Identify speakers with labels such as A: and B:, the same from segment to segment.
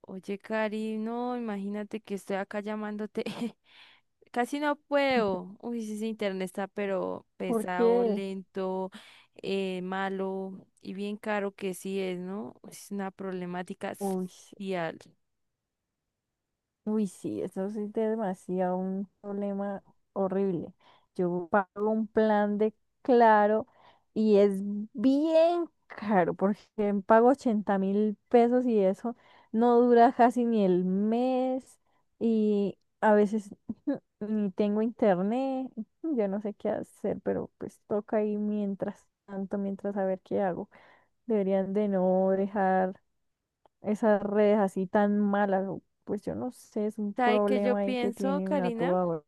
A: Oye, Cari, no, imagínate que estoy acá llamándote. Casi no puedo. Uy, sí, ese internet está pero pesado,
B: Porque,
A: lento, malo y bien caro que sí es, ¿no? Es una problemática
B: uy,
A: social.
B: uy, sí, eso sí es demasiado un problema horrible. Yo pago un plan de Claro y es bien caro, porque pago 80.000 pesos y eso no dura casi ni el mes y a veces ni tengo internet. Yo no sé qué hacer, pero pues toca ahí mientras tanto, mientras a ver qué hago. Deberían de no dejar esas redes así tan malas, pues yo no sé, es un
A: ¿Sabe qué yo
B: problema ahí que
A: pienso,
B: tienen a
A: Karina?
B: toda hora.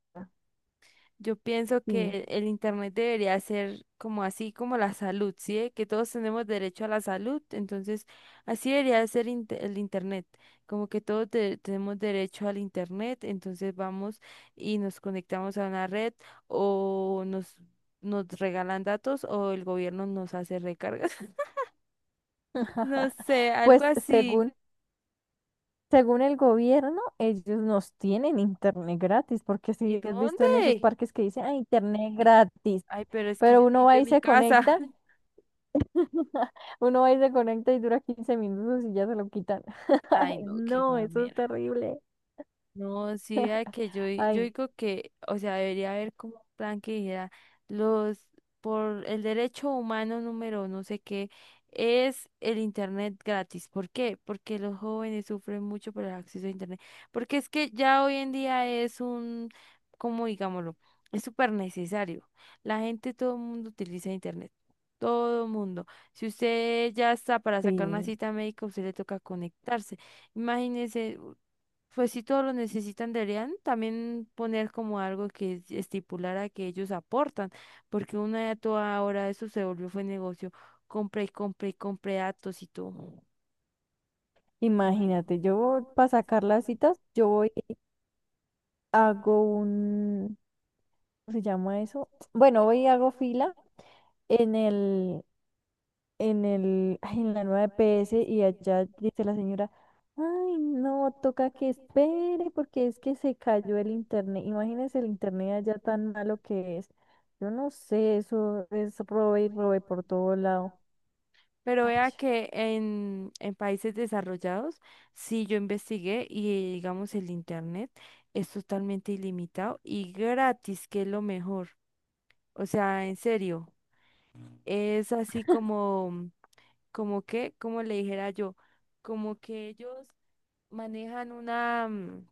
A: Yo pienso
B: Dime.
A: que el internet debería ser como así como la salud, ¿sí? de que todos tenemos derecho a la salud, entonces así debería ser el internet, como que todos tenemos derecho al internet, entonces vamos y nos conectamos a una red o nos regalan datos o el gobierno nos hace recargas. No sé, algo
B: Pues
A: así.
B: según, según el gobierno, ellos nos tienen internet gratis, porque
A: ¿Y
B: si has visto en esos
A: dónde?
B: parques que dicen, ah, internet gratis,
A: Ay, pero es que yo
B: pero uno
A: necesito
B: va
A: en
B: y
A: mi
B: se
A: casa.
B: conecta, uno va y se conecta y dura 15 minutos y ya se lo quitan.
A: Ay,
B: Ay,
A: no, qué
B: no,
A: mal.
B: eso es terrible.
A: No, sí, a que yo, yo
B: Ay,
A: digo que, o sea, debería haber como un plan que dijera, los, por el derecho humano número no sé qué, es el internet gratis. ¿Por qué? Porque los jóvenes sufren mucho por el acceso a internet. Porque es que ya hoy en día es un, como digámoslo, es súper necesario. La gente, todo el mundo utiliza internet. Todo el mundo. Si usted ya está para sacar una
B: sí.
A: cita médica, usted le toca conectarse. Imagínese. Pues si todos lo necesitan, deberían también poner como algo que estipulara que ellos aportan, porque una de a toda hora eso se volvió fue negocio, compra y compra y compra datos y todo.
B: Imagínate,
A: Imagínate,
B: yo
A: yo
B: para
A: para
B: sacar las
A: sacarla,
B: citas, yo
A: yo
B: voy, y hago
A: hago
B: un, ¿cómo se llama
A: eso.
B: eso? Bueno,
A: Bueno,
B: hoy
A: hoy
B: hago
A: hago
B: fila
A: fija,
B: en el, ay, en
A: ay,
B: la
A: la
B: nueva
A: nueva
B: EPS
A: EPS,
B: y
A: y es,
B: allá dice la señora, ay, no,
A: no,
B: toca
A: toca
B: que
A: que espera,
B: espere porque es que se cayó el
A: ayuda,
B: internet. Imagínense el internet allá tan malo que es. Yo no sé, eso es robe y
A: voy
B: robe
A: con
B: por
A: el.
B: todo lado.
A: Pero
B: Ay,
A: vea que en países desarrollados, sí yo investigué y digamos el internet es totalmente ilimitado y gratis, que es lo mejor. O sea, en serio, es así como, como que, como le dijera yo, como que ellos manejan una,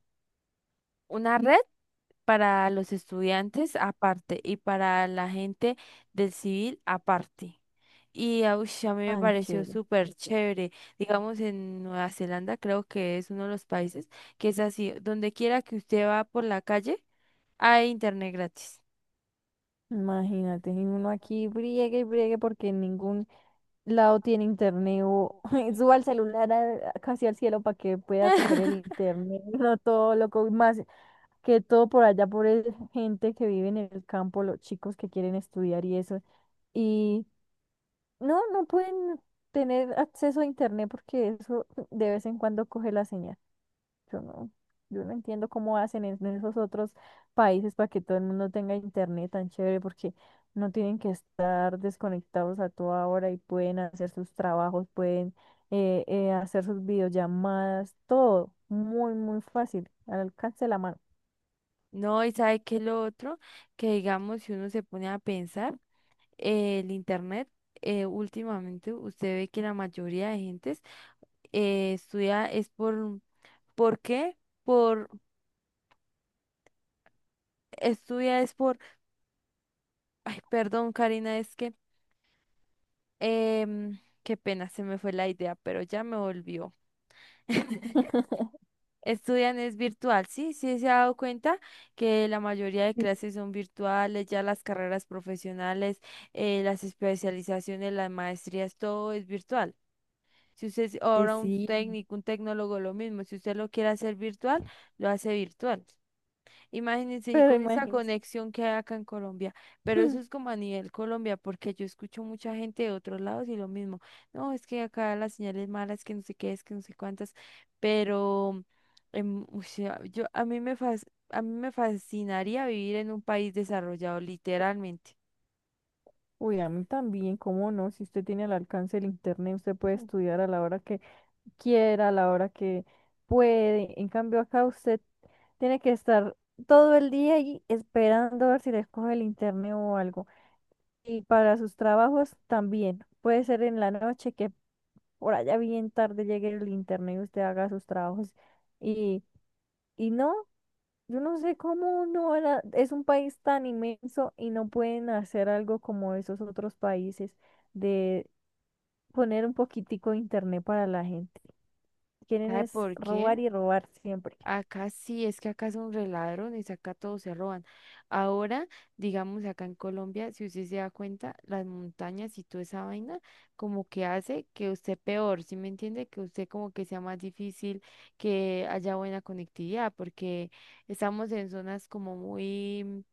A: una red. Para los estudiantes aparte y para la gente del civil aparte. Y ah, ush, a mí me
B: tan
A: pareció
B: chévere.
A: súper chévere. Digamos, en Nueva Zelanda creo que es uno de los países que es así. Donde quiera que usted va por la calle, hay internet gratis.
B: Imagínate, y uno aquí briegue y briegue porque ningún lado tiene internet o suba el celular casi al cielo para que pueda coger el internet, no todo loco, y más que todo por allá, por gente que vive en el campo, los chicos que quieren estudiar y eso, y no, no pueden tener acceso a internet porque eso de vez en cuando coge la señal. Yo no, yo no entiendo cómo hacen en esos otros países para que todo el mundo tenga internet tan chévere, porque no tienen que estar desconectados a toda hora y pueden hacer sus trabajos, pueden hacer sus videollamadas, todo muy, muy fácil, al alcance de la mano.
A: No, y sabe que lo otro, que digamos, si uno se pone a pensar, el internet, últimamente usted ve que la mayoría de gentes estudia es ¿por qué? Por, estudia es por, ay, perdón, Karina, es que, qué pena, se me fue la idea, pero ya me volvió. Estudian es virtual, sí, sí se ha dado cuenta que la mayoría de
B: Sí,
A: clases son virtuales, ya las carreras profesionales, las especializaciones, las maestrías, todo es virtual. Si usted es
B: pues
A: ahora un
B: sí.
A: técnico, un tecnólogo, lo mismo, si usted lo quiere hacer virtual, lo hace virtual. Imagínense, y
B: Pero
A: con esa
B: imagínense.
A: conexión que hay acá en Colombia, pero eso es como a nivel Colombia, porque yo escucho mucha gente de otros lados y lo mismo, no, es que acá las señales malas, que no sé qué es, que no sé cuántas, pero o sea, yo, a mí me fascinaría vivir en un país desarrollado, literalmente.
B: Uy, a mí también, ¿cómo no? Si usted tiene al alcance el internet, usted puede
A: Mm.
B: estudiar a la hora que quiera, a la hora que puede. En cambio, acá usted tiene que estar todo el día ahí esperando a ver si les coge el internet o algo. Y para sus trabajos también. Puede ser en la noche que por allá bien tarde llegue el internet y usted haga sus trabajos. Y, y no, yo no sé cómo no es un país tan inmenso y no pueden hacer algo como esos otros países de poner un poquitico de internet para la gente. Quieren
A: ¿Sabe
B: es
A: por qué?
B: robar y robar siempre.
A: Acá sí, es que acá son re ladrones, acá todos se roban. Ahora, digamos acá en Colombia, si usted se da cuenta, las montañas y toda esa vaina, como que hace que usted peor, ¿sí me entiende? Que usted como que sea más difícil, que haya buena conectividad, porque estamos en zonas como muy,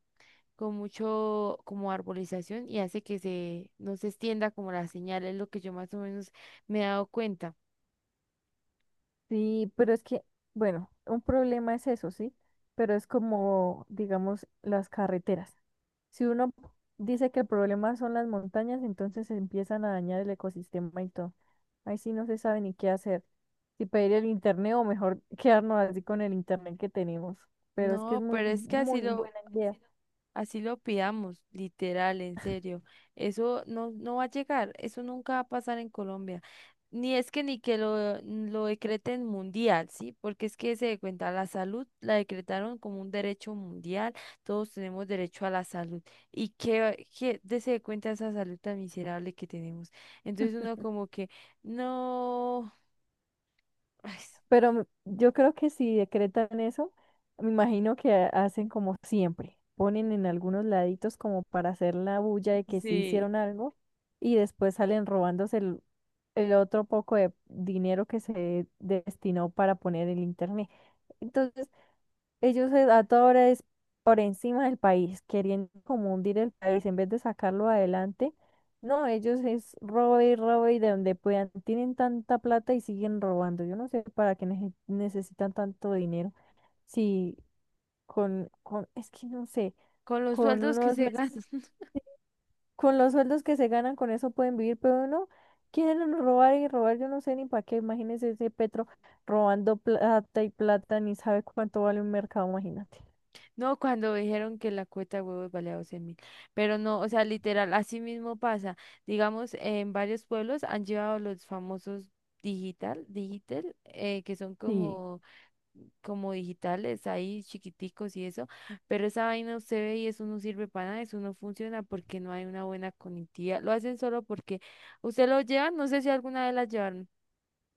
A: con mucho, como arbolización y hace que se, no se extienda como la señal, es lo que yo más o menos me he dado cuenta.
B: Sí, pero es que, bueno, un problema es eso, ¿sí? Pero es como, digamos, las carreteras. Si uno dice que el problema son las montañas, entonces se empiezan a dañar el ecosistema y todo. Ahí sí no se sabe ni qué hacer. Si pedir el internet o mejor quedarnos así con el internet que tenemos. Pero es que es
A: No,
B: muy,
A: pero es que así
B: muy
A: lo,
B: buena idea.
A: Así lo pidamos, literal, en serio. Eso no, no va a llegar, eso nunca va a pasar en Colombia. Ni es que ni que lo decreten mundial, ¿sí? Porque es que se de cuenta, la salud la decretaron como un derecho mundial, todos tenemos derecho a la salud. ¿Y qué, qué de se de cuenta esa salud tan miserable que tenemos? Entonces uno como que, no, ay,
B: Pero yo creo que si decretan eso, me imagino que hacen como siempre, ponen en algunos laditos como para hacer la bulla de que sí
A: sí,
B: hicieron algo y después salen robándose el, otro poco de dinero que se destinó para poner el internet. Entonces, ellos a toda hora es por encima del país, queriendo como hundir el país en vez de sacarlo adelante. No, ellos es robo y robo y de donde puedan. Tienen tanta plata y siguen robando. Yo no sé para qué necesitan tanto dinero. Si es que no sé,
A: con los
B: con
A: sueldos que
B: unos
A: se
B: meses,
A: gastan.
B: con los sueldos que se ganan, con eso pueden vivir, pero no, quieren robar y robar. Yo no sé ni para qué. Imagínense ese Petro robando plata y plata, ni sabe cuánto vale un mercado, imagínate.
A: No, cuando dijeron que la cuota de huevos valía 12 mil. Pero no, o sea, literal, así mismo pasa. Digamos, en varios pueblos han llevado los famosos digital, digital, que son
B: Sí.
A: como, digitales ahí, chiquiticos y eso. Pero esa vaina usted ve y eso no sirve para nada, eso no funciona porque no hay una buena conectividad. Lo hacen solo porque usted lo lleva, no sé si alguna vez la llevaron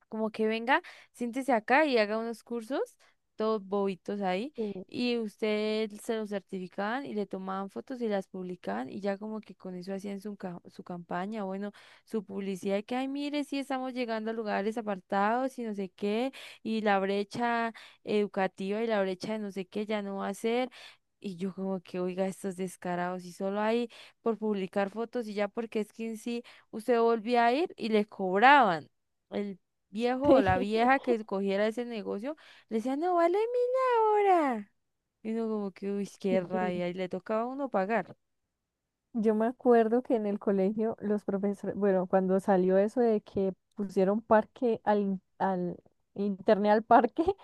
A: como que venga, siéntese acá y haga unos cursos, todos bobitos ahí, y usted se los certificaban y le tomaban fotos y las publicaban y ya como que con eso hacían su campaña, bueno, su publicidad, y que, ay, mire, sí estamos llegando a lugares apartados y no sé qué, y la brecha educativa y la brecha de no sé qué ya no va a ser. Y yo como que, oiga, estos descarados, y solo ahí por publicar fotos y ya porque es que en sí usted volvía a ir y le cobraban. El viejo o la vieja que cogiera ese negocio, le decía, no vale mil ahora. Y uno como que, uy, qué rabia, y le tocaba a uno pagar.
B: Yo me acuerdo que en el colegio los profesores, bueno, cuando salió eso de que pusieron parque al, al internet al parque,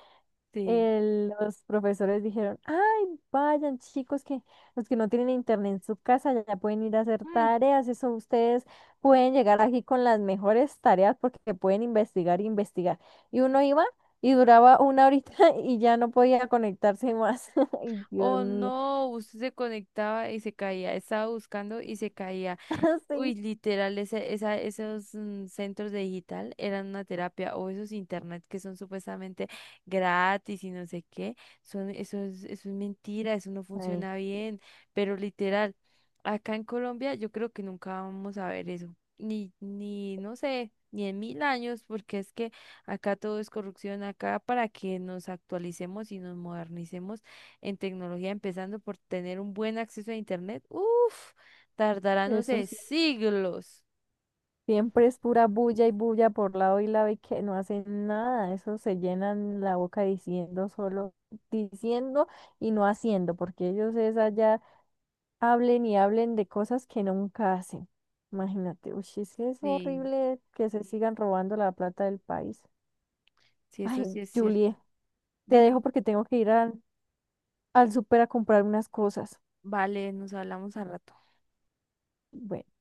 A: Sí.
B: los profesores dijeron, ay, vayan chicos, que los que no tienen internet en su casa ya pueden ir a hacer
A: Mm,
B: tareas, eso ustedes pueden llegar aquí con las mejores tareas porque pueden investigar e investigar. Y uno iba y duraba una horita y ya no podía conectarse más. Ay, Dios
A: O
B: mío.
A: no, usted se conectaba y se caía, estaba buscando y se caía.
B: Sí.
A: Uy, literal, esos centros de digital eran una terapia o esos internet que son supuestamente gratis y no sé qué, son, eso es mentira, eso no
B: Ay,
A: funciona bien, pero literal, acá en Colombia yo creo que nunca vamos a ver eso, ni, no sé, ni en mil años, porque es que acá todo es corrupción, acá para que nos actualicemos y nos modernicemos en tecnología, empezando por tener un buen acceso a internet, uff. Tardará, no
B: eso
A: sé,
B: sí,
A: siglos.
B: siempre es pura bulla y bulla por lado y lado y que no hacen nada. Eso se llenan la boca diciendo solo, diciendo y no haciendo, porque ellos es allá hablen y hablen de cosas que nunca hacen. Imagínate, uy, es que es
A: Sí,
B: horrible que se sigan robando la plata del país.
A: sí, eso sí
B: Ay,
A: es cierto.
B: Julie, te
A: Dime.
B: dejo porque tengo que ir al, súper a comprar unas cosas.
A: Vale, nos hablamos al rato.
B: Bueno.